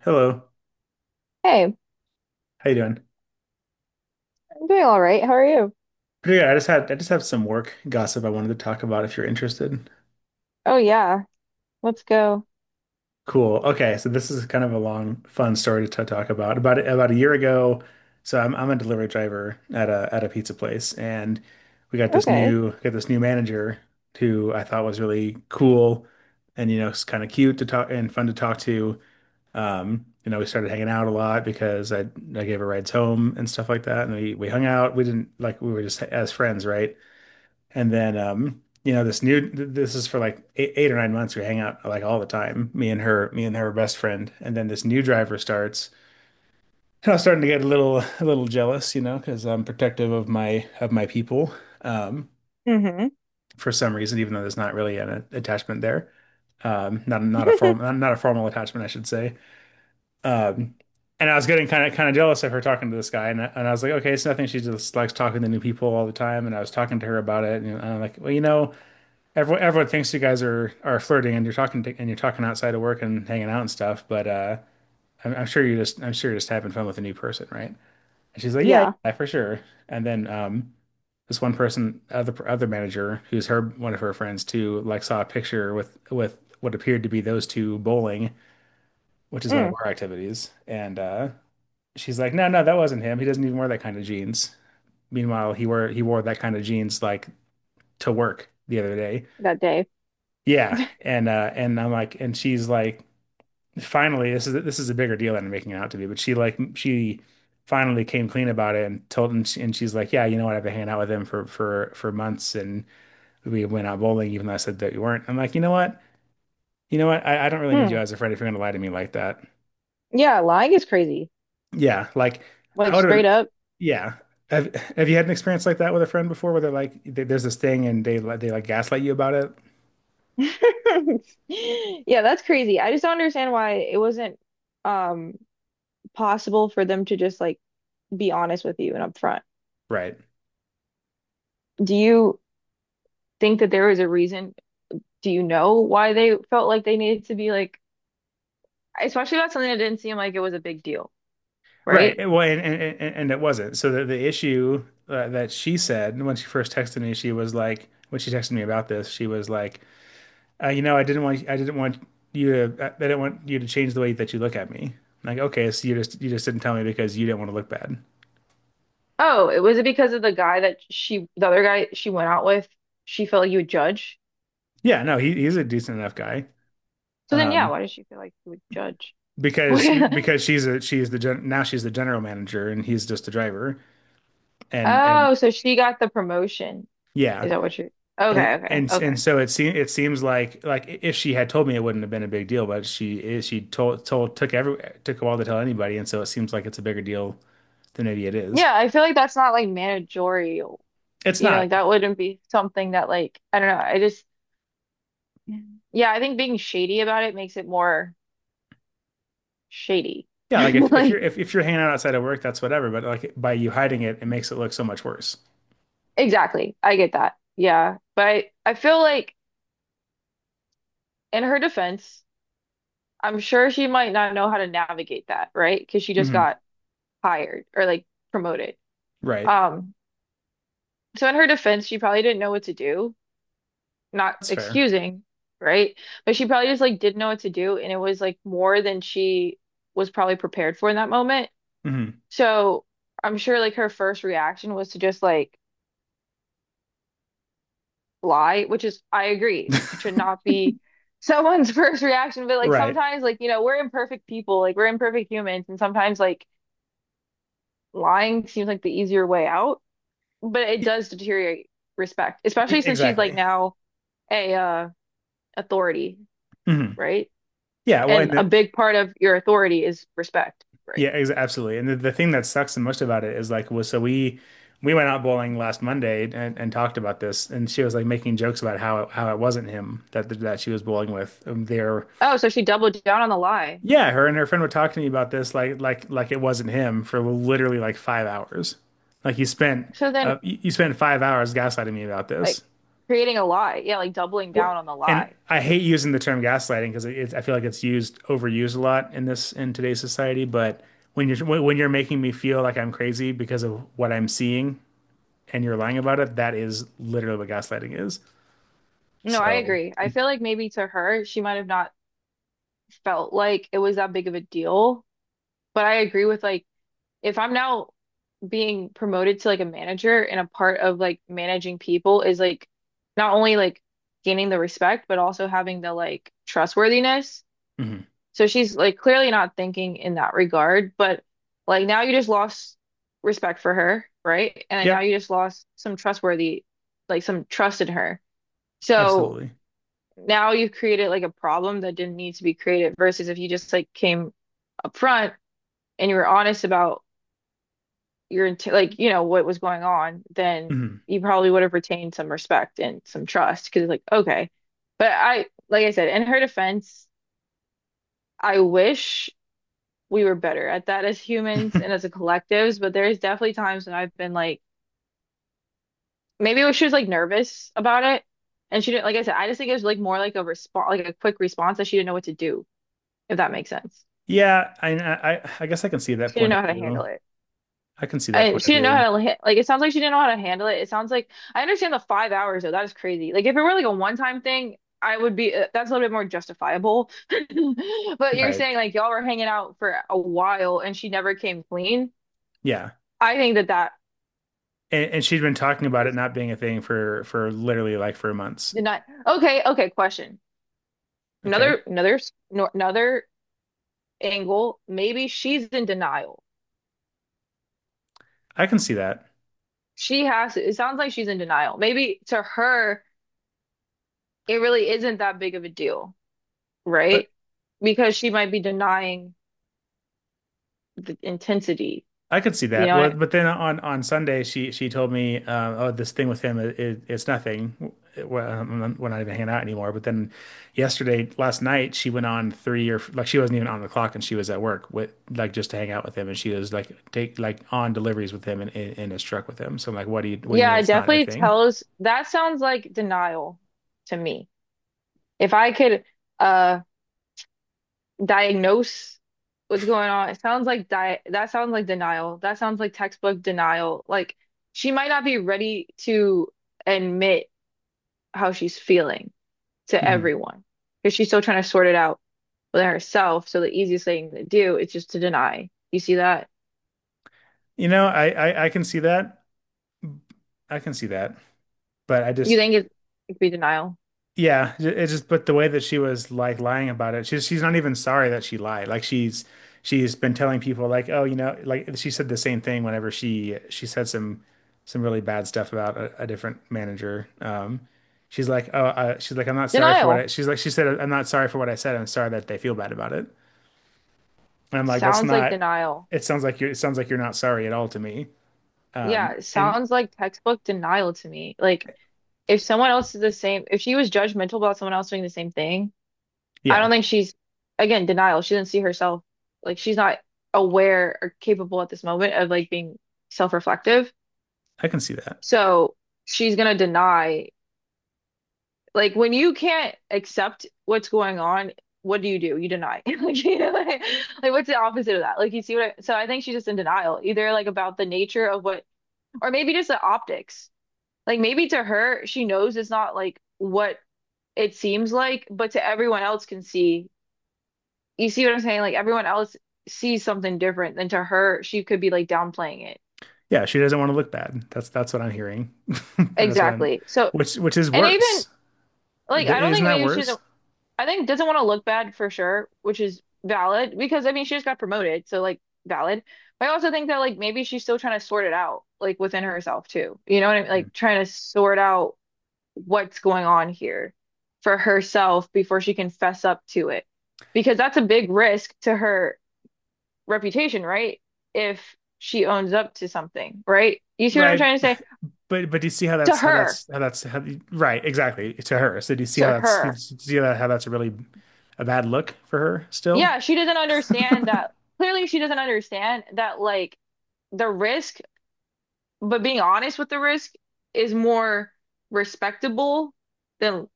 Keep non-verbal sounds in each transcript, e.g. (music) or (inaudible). Hello. Hey, I'm How you doing? doing all right. How are you? Pretty good. I just have some work gossip I wanted to talk about if you're interested. Oh yeah, let's go. Cool. Okay, so this is kind of a long, fun story to talk about. About a year ago, so I'm a delivery driver at a pizza place, and we got this Okay. new got this new manager who I thought was really cool, and you know, it's kind of cute to talk and fun to talk to. We started hanging out a lot because I gave her rides home and stuff like that, and we hung out. We didn't like we were just as friends, right? And then, this is for like 8 or 9 months. We hang out like all the time, me and her best friend. And then this new driver starts, and I was starting to get a little jealous, you know, because I'm protective of my people, um, Mm-hmm. for some reason, even though there's not really an attachment there. Um, not, not a formal, (laughs) not a formal attachment, I should say. Um, and I was getting kind of jealous of her talking to this guy. And I was like, okay, it's nothing. She just likes talking to new people all the time. And I was talking to her about it. And I'm like, well, everyone thinks you guys are flirting and and you're talking outside of work and hanging out and stuff, but I'm sure you're just having fun with a new person, right? And she's like, yeah, Yeah, yeah, for sure. And then this one person, other manager, who's her one of her friends too, like saw a picture with what appeared to be those two bowling, which is one of mm, our activities, and she's like, no, no, that wasn't him. He doesn't even wear that kind of jeans. Meanwhile, he wore that kind of jeans like to work the other day. that day. Yeah, and I'm like and she's like, finally this is a bigger deal than I'm making it out to be, but she finally came clean about it and she's like, "Yeah, you know what? I've been hanging out with him for months and we went out bowling even though I said that you weren't." I'm like, "You know what? You know what? I don't really need you Hmm. as a friend if you're going to lie to me like that." Yeah, lying is crazy. Yeah, like Like I would have straight up. yeah. Have you had an experience like that with a friend before where they're like there's this thing and they like gaslight you about it? (laughs) Yeah, that's crazy. I just don't understand why it wasn't um possible for them to just like be honest with you and upfront. Right. Do you think that there was a reason? Do you know why they felt like they needed to be like, especially about something that didn't seem like it was a big deal, Right. right? Well, and it wasn't. So the issue that she said when she texted me about this, she was like, uh, you know, I didn't want, I didn't want I didn't want you to change the way that you look at me. I'm like, okay, so you just didn't tell me because you didn't want to look bad. Oh, it was it because of the guy that she, the other guy she went out with, she felt like he would judge. Yeah, no, he's a decent enough guy. So then, yeah, Um, why did she feel like he would judge? (laughs) because she's a, she's the gen, now she's the general manager and he's just the driver. And Oh, so she got the promotion. yeah, Is that what you're? And Okay, okay, and okay. and so it seems like if she had told me it wouldn't have been a big deal, but she is she told told took every took a while to tell anybody, and so it seems like it's a bigger deal than maybe it is. Yeah, I feel like that's not like managerial. It's You know, not. like that wouldn't be something that like I don't know. I just— mhm, yeah, I think being shady about it makes it more shady. Yeah, (laughs) like if, if you're Like if, if you're hanging out outside of work, that's whatever. But like by you hiding it, it makes it look so much worse. exactly, I get that. Yeah, but I feel like in her defense. I'm sure she might not know how to navigate that, right? Because she just Hmm. got hired or like promoted. Right. Um, so in her defense, she probably didn't know what to do, not That's fair. excusing, right? But she probably just like didn't know what to do, and it was like more than she was probably prepared for in that moment. Hmm. So I'm sure like her first reaction was to just like lie, which is I agree, should (laughs) not be someone's (laughs) first reaction, but like Right. sometimes like we're imperfect people, like we're imperfect humans, and sometimes like lying seems like the easier way out, but it Y- does deteriorate respect, especially since she's like Exactly. now a authority, Hmm. right? Yeah. Well, And a big part of your authority is respect, right? yeah, ex absolutely. And the thing that sucks the most about it is like, was so we went out bowling last Monday and, talked about this, and she was like making jokes about how it wasn't him that she was bowling with. They're Oh, so she doubled down on the lie. yeah, her and her friend were talking to me about this like like it wasn't him for literally like 5 hours. Like you spent So then uh you you spent 5 hours gaslighting me about this. like creating a lie. Yeah, like doubling What? down on the And lie. I hate using the term gaslighting because it's I feel like it's used overused a lot in this in today's society. But when you're when you're making me feel like I'm crazy because of what I'm seeing and you're lying about it, that is literally what gaslighting is. No, I So. agree. I feel like maybe to her, she might have not felt like it was that big of a deal, but I agree with like if I'm now being promoted to like a manager and a part of like managing people is like not only like gaining the respect, but also having the like trustworthiness. Mhm. So she's like clearly not thinking in that regard, but like now you just lost respect for her, right? And now Yep, you just lost some trustworthy, like some trust in her. So absolutely. now you've created like a problem that didn't need to be created versus if you just like came up front and you were honest about your int like what was going on, then Mhm. you probably would have retained some respect and some trust because like okay, but I like I said in her defense, I wish we were better at that as humans and as (laughs) a collectives, but there is definitely times when I've been like maybe it was she was like nervous about it and she didn't like I said I just think it was like more like a response like a quick response that she didn't know what to do if that makes sense. Yeah, I guess I can see that She didn't point of know how to handle view. it. I can see that And point of she didn't know view. how to like. It sounds like she didn't know how to handle it. It sounds like I understand the five hours though. That is crazy. Like if it were like a one-time thing, I would be that's a little bit more justifiable. (laughs) But you're Right. saying like y'all were hanging out for a while and she never came clean. Yeah. I think that that And she has been talking about it is, not being a thing for literally like for months. did not. Okay, okay. Question. Okay. Another another s- no, another angle. Maybe she's in denial. I can see that. She has. It sounds like she's in denial. Maybe to her, it really isn't that big of a deal, right? Because she might be denying the intensity, I could see you that. know? Well, And I— but then on Sunday, she told me, "Oh, this thing with him, it's nothing. We're not even hanging out anymore." But then yesterday, last night, she went on three or like she wasn't even on the clock, and she was at work with like just to hang out with him, and she was like take like on deliveries with him and in his truck with him. So I'm like, "What do you mean yeah, it it's not a definitely thing?" tells that sounds like denial to me. If I could uh diagnose what's going on, it sounds like di that sounds like denial. That sounds like textbook denial. Like she might not be ready to admit how she's feeling to Hmm. everyone because she's still trying to sort it out within herself. So the easiest thing to do is just to deny. You see that? I can see that. I can see that. But I You just. think it could be denial? Yeah, it just but the way that she was like lying about it, she's not even sorry that she lied. Like she's been telling people like, oh, like she said the same thing whenever she said some really bad stuff about a different manager. She's like, oh, she's like, "I'm not sorry for what I." Denial. She said, "I'm not sorry for what I said. I'm sorry that they feel bad about it." And I'm like, "That's Sounds like not." denial. It sounds like you're not sorry at all to me. Yeah, Um, it and sounds like textbook denial to me. Like if someone else is the same, if she was judgmental about someone else doing the same thing, I yeah, don't think she's, again, denial. She doesn't see herself. Like she's not aware or capable at this moment of like being self-reflective. I can see that. So she's gonna deny. Like when you can't accept what's going on, what do? You deny. (laughs) Like, you know, like, what's the opposite of that? Like you see what I, so I think she's just in denial, either like about the nature of what, or maybe just the optics. Like maybe to her, she knows it's not like what it seems like, but to everyone else can see. You see what I'm saying? Like everyone else sees something different than to her, she could be like downplaying it. Yeah, she doesn't want to look bad. That's what I'm hearing. (laughs) And that's what I'm, Exactly. So, which is and even worse. Or like I don't isn't think that maybe she worse? doesn't— I think doesn't want to look bad for sure, which is valid because I mean she just got promoted, so like valid. But I also think that like maybe she's still trying to sort it out, like within herself too. You know what I mean? Mm. Like trying to sort out what's going on here for herself before she can fess up to it. Because that's a big risk to her reputation, right? If she owns up to something, right? You see what I'm Right. trying to say? But do you see how To that's how her, that's how that's how, right, exactly, to her. So to do you her. see that how that's a really a bad look for her still? Yeah, she doesn't understand that. Clearly, she doesn't understand that like the risk, but being honest with the risk is more respectable than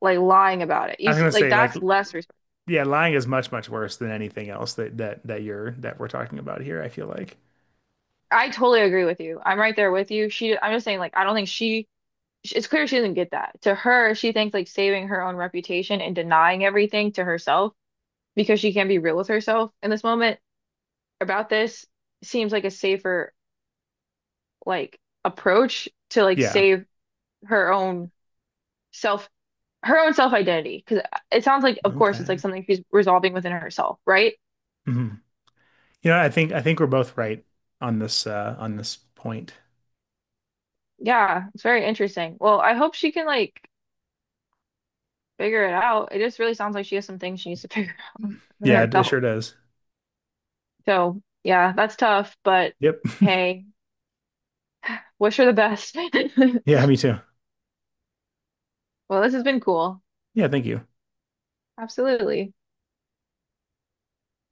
like lying about it. I You was see, gonna like say like that's less respect. yeah, lying is much, much worse than anything else that we're talking about here, I feel like. I totally agree with you. I'm right there with you. She, I'm just saying, like, I don't think she, it's clear she doesn't get that. To her, she thinks like saving her own reputation and denying everything to herself because she can't be real with herself in this moment about this seems like a safer, like, approach to like Yeah. save her own self her own self-identity because it sounds like of course it's like Okay. something she's resolving within herself, right? Hmm. I think we're both right on this point. Yeah, it's very interesting. Well, I hope she can like figure it out. It just really sounds like she has some things she needs to (laughs) figure out within Yeah, it herself, sure does. so yeah, that's tough, but Yep. (laughs) hey, wish her the best. Yeah, (laughs) me too. Well, this has been cool. Yeah, thank you. Absolutely.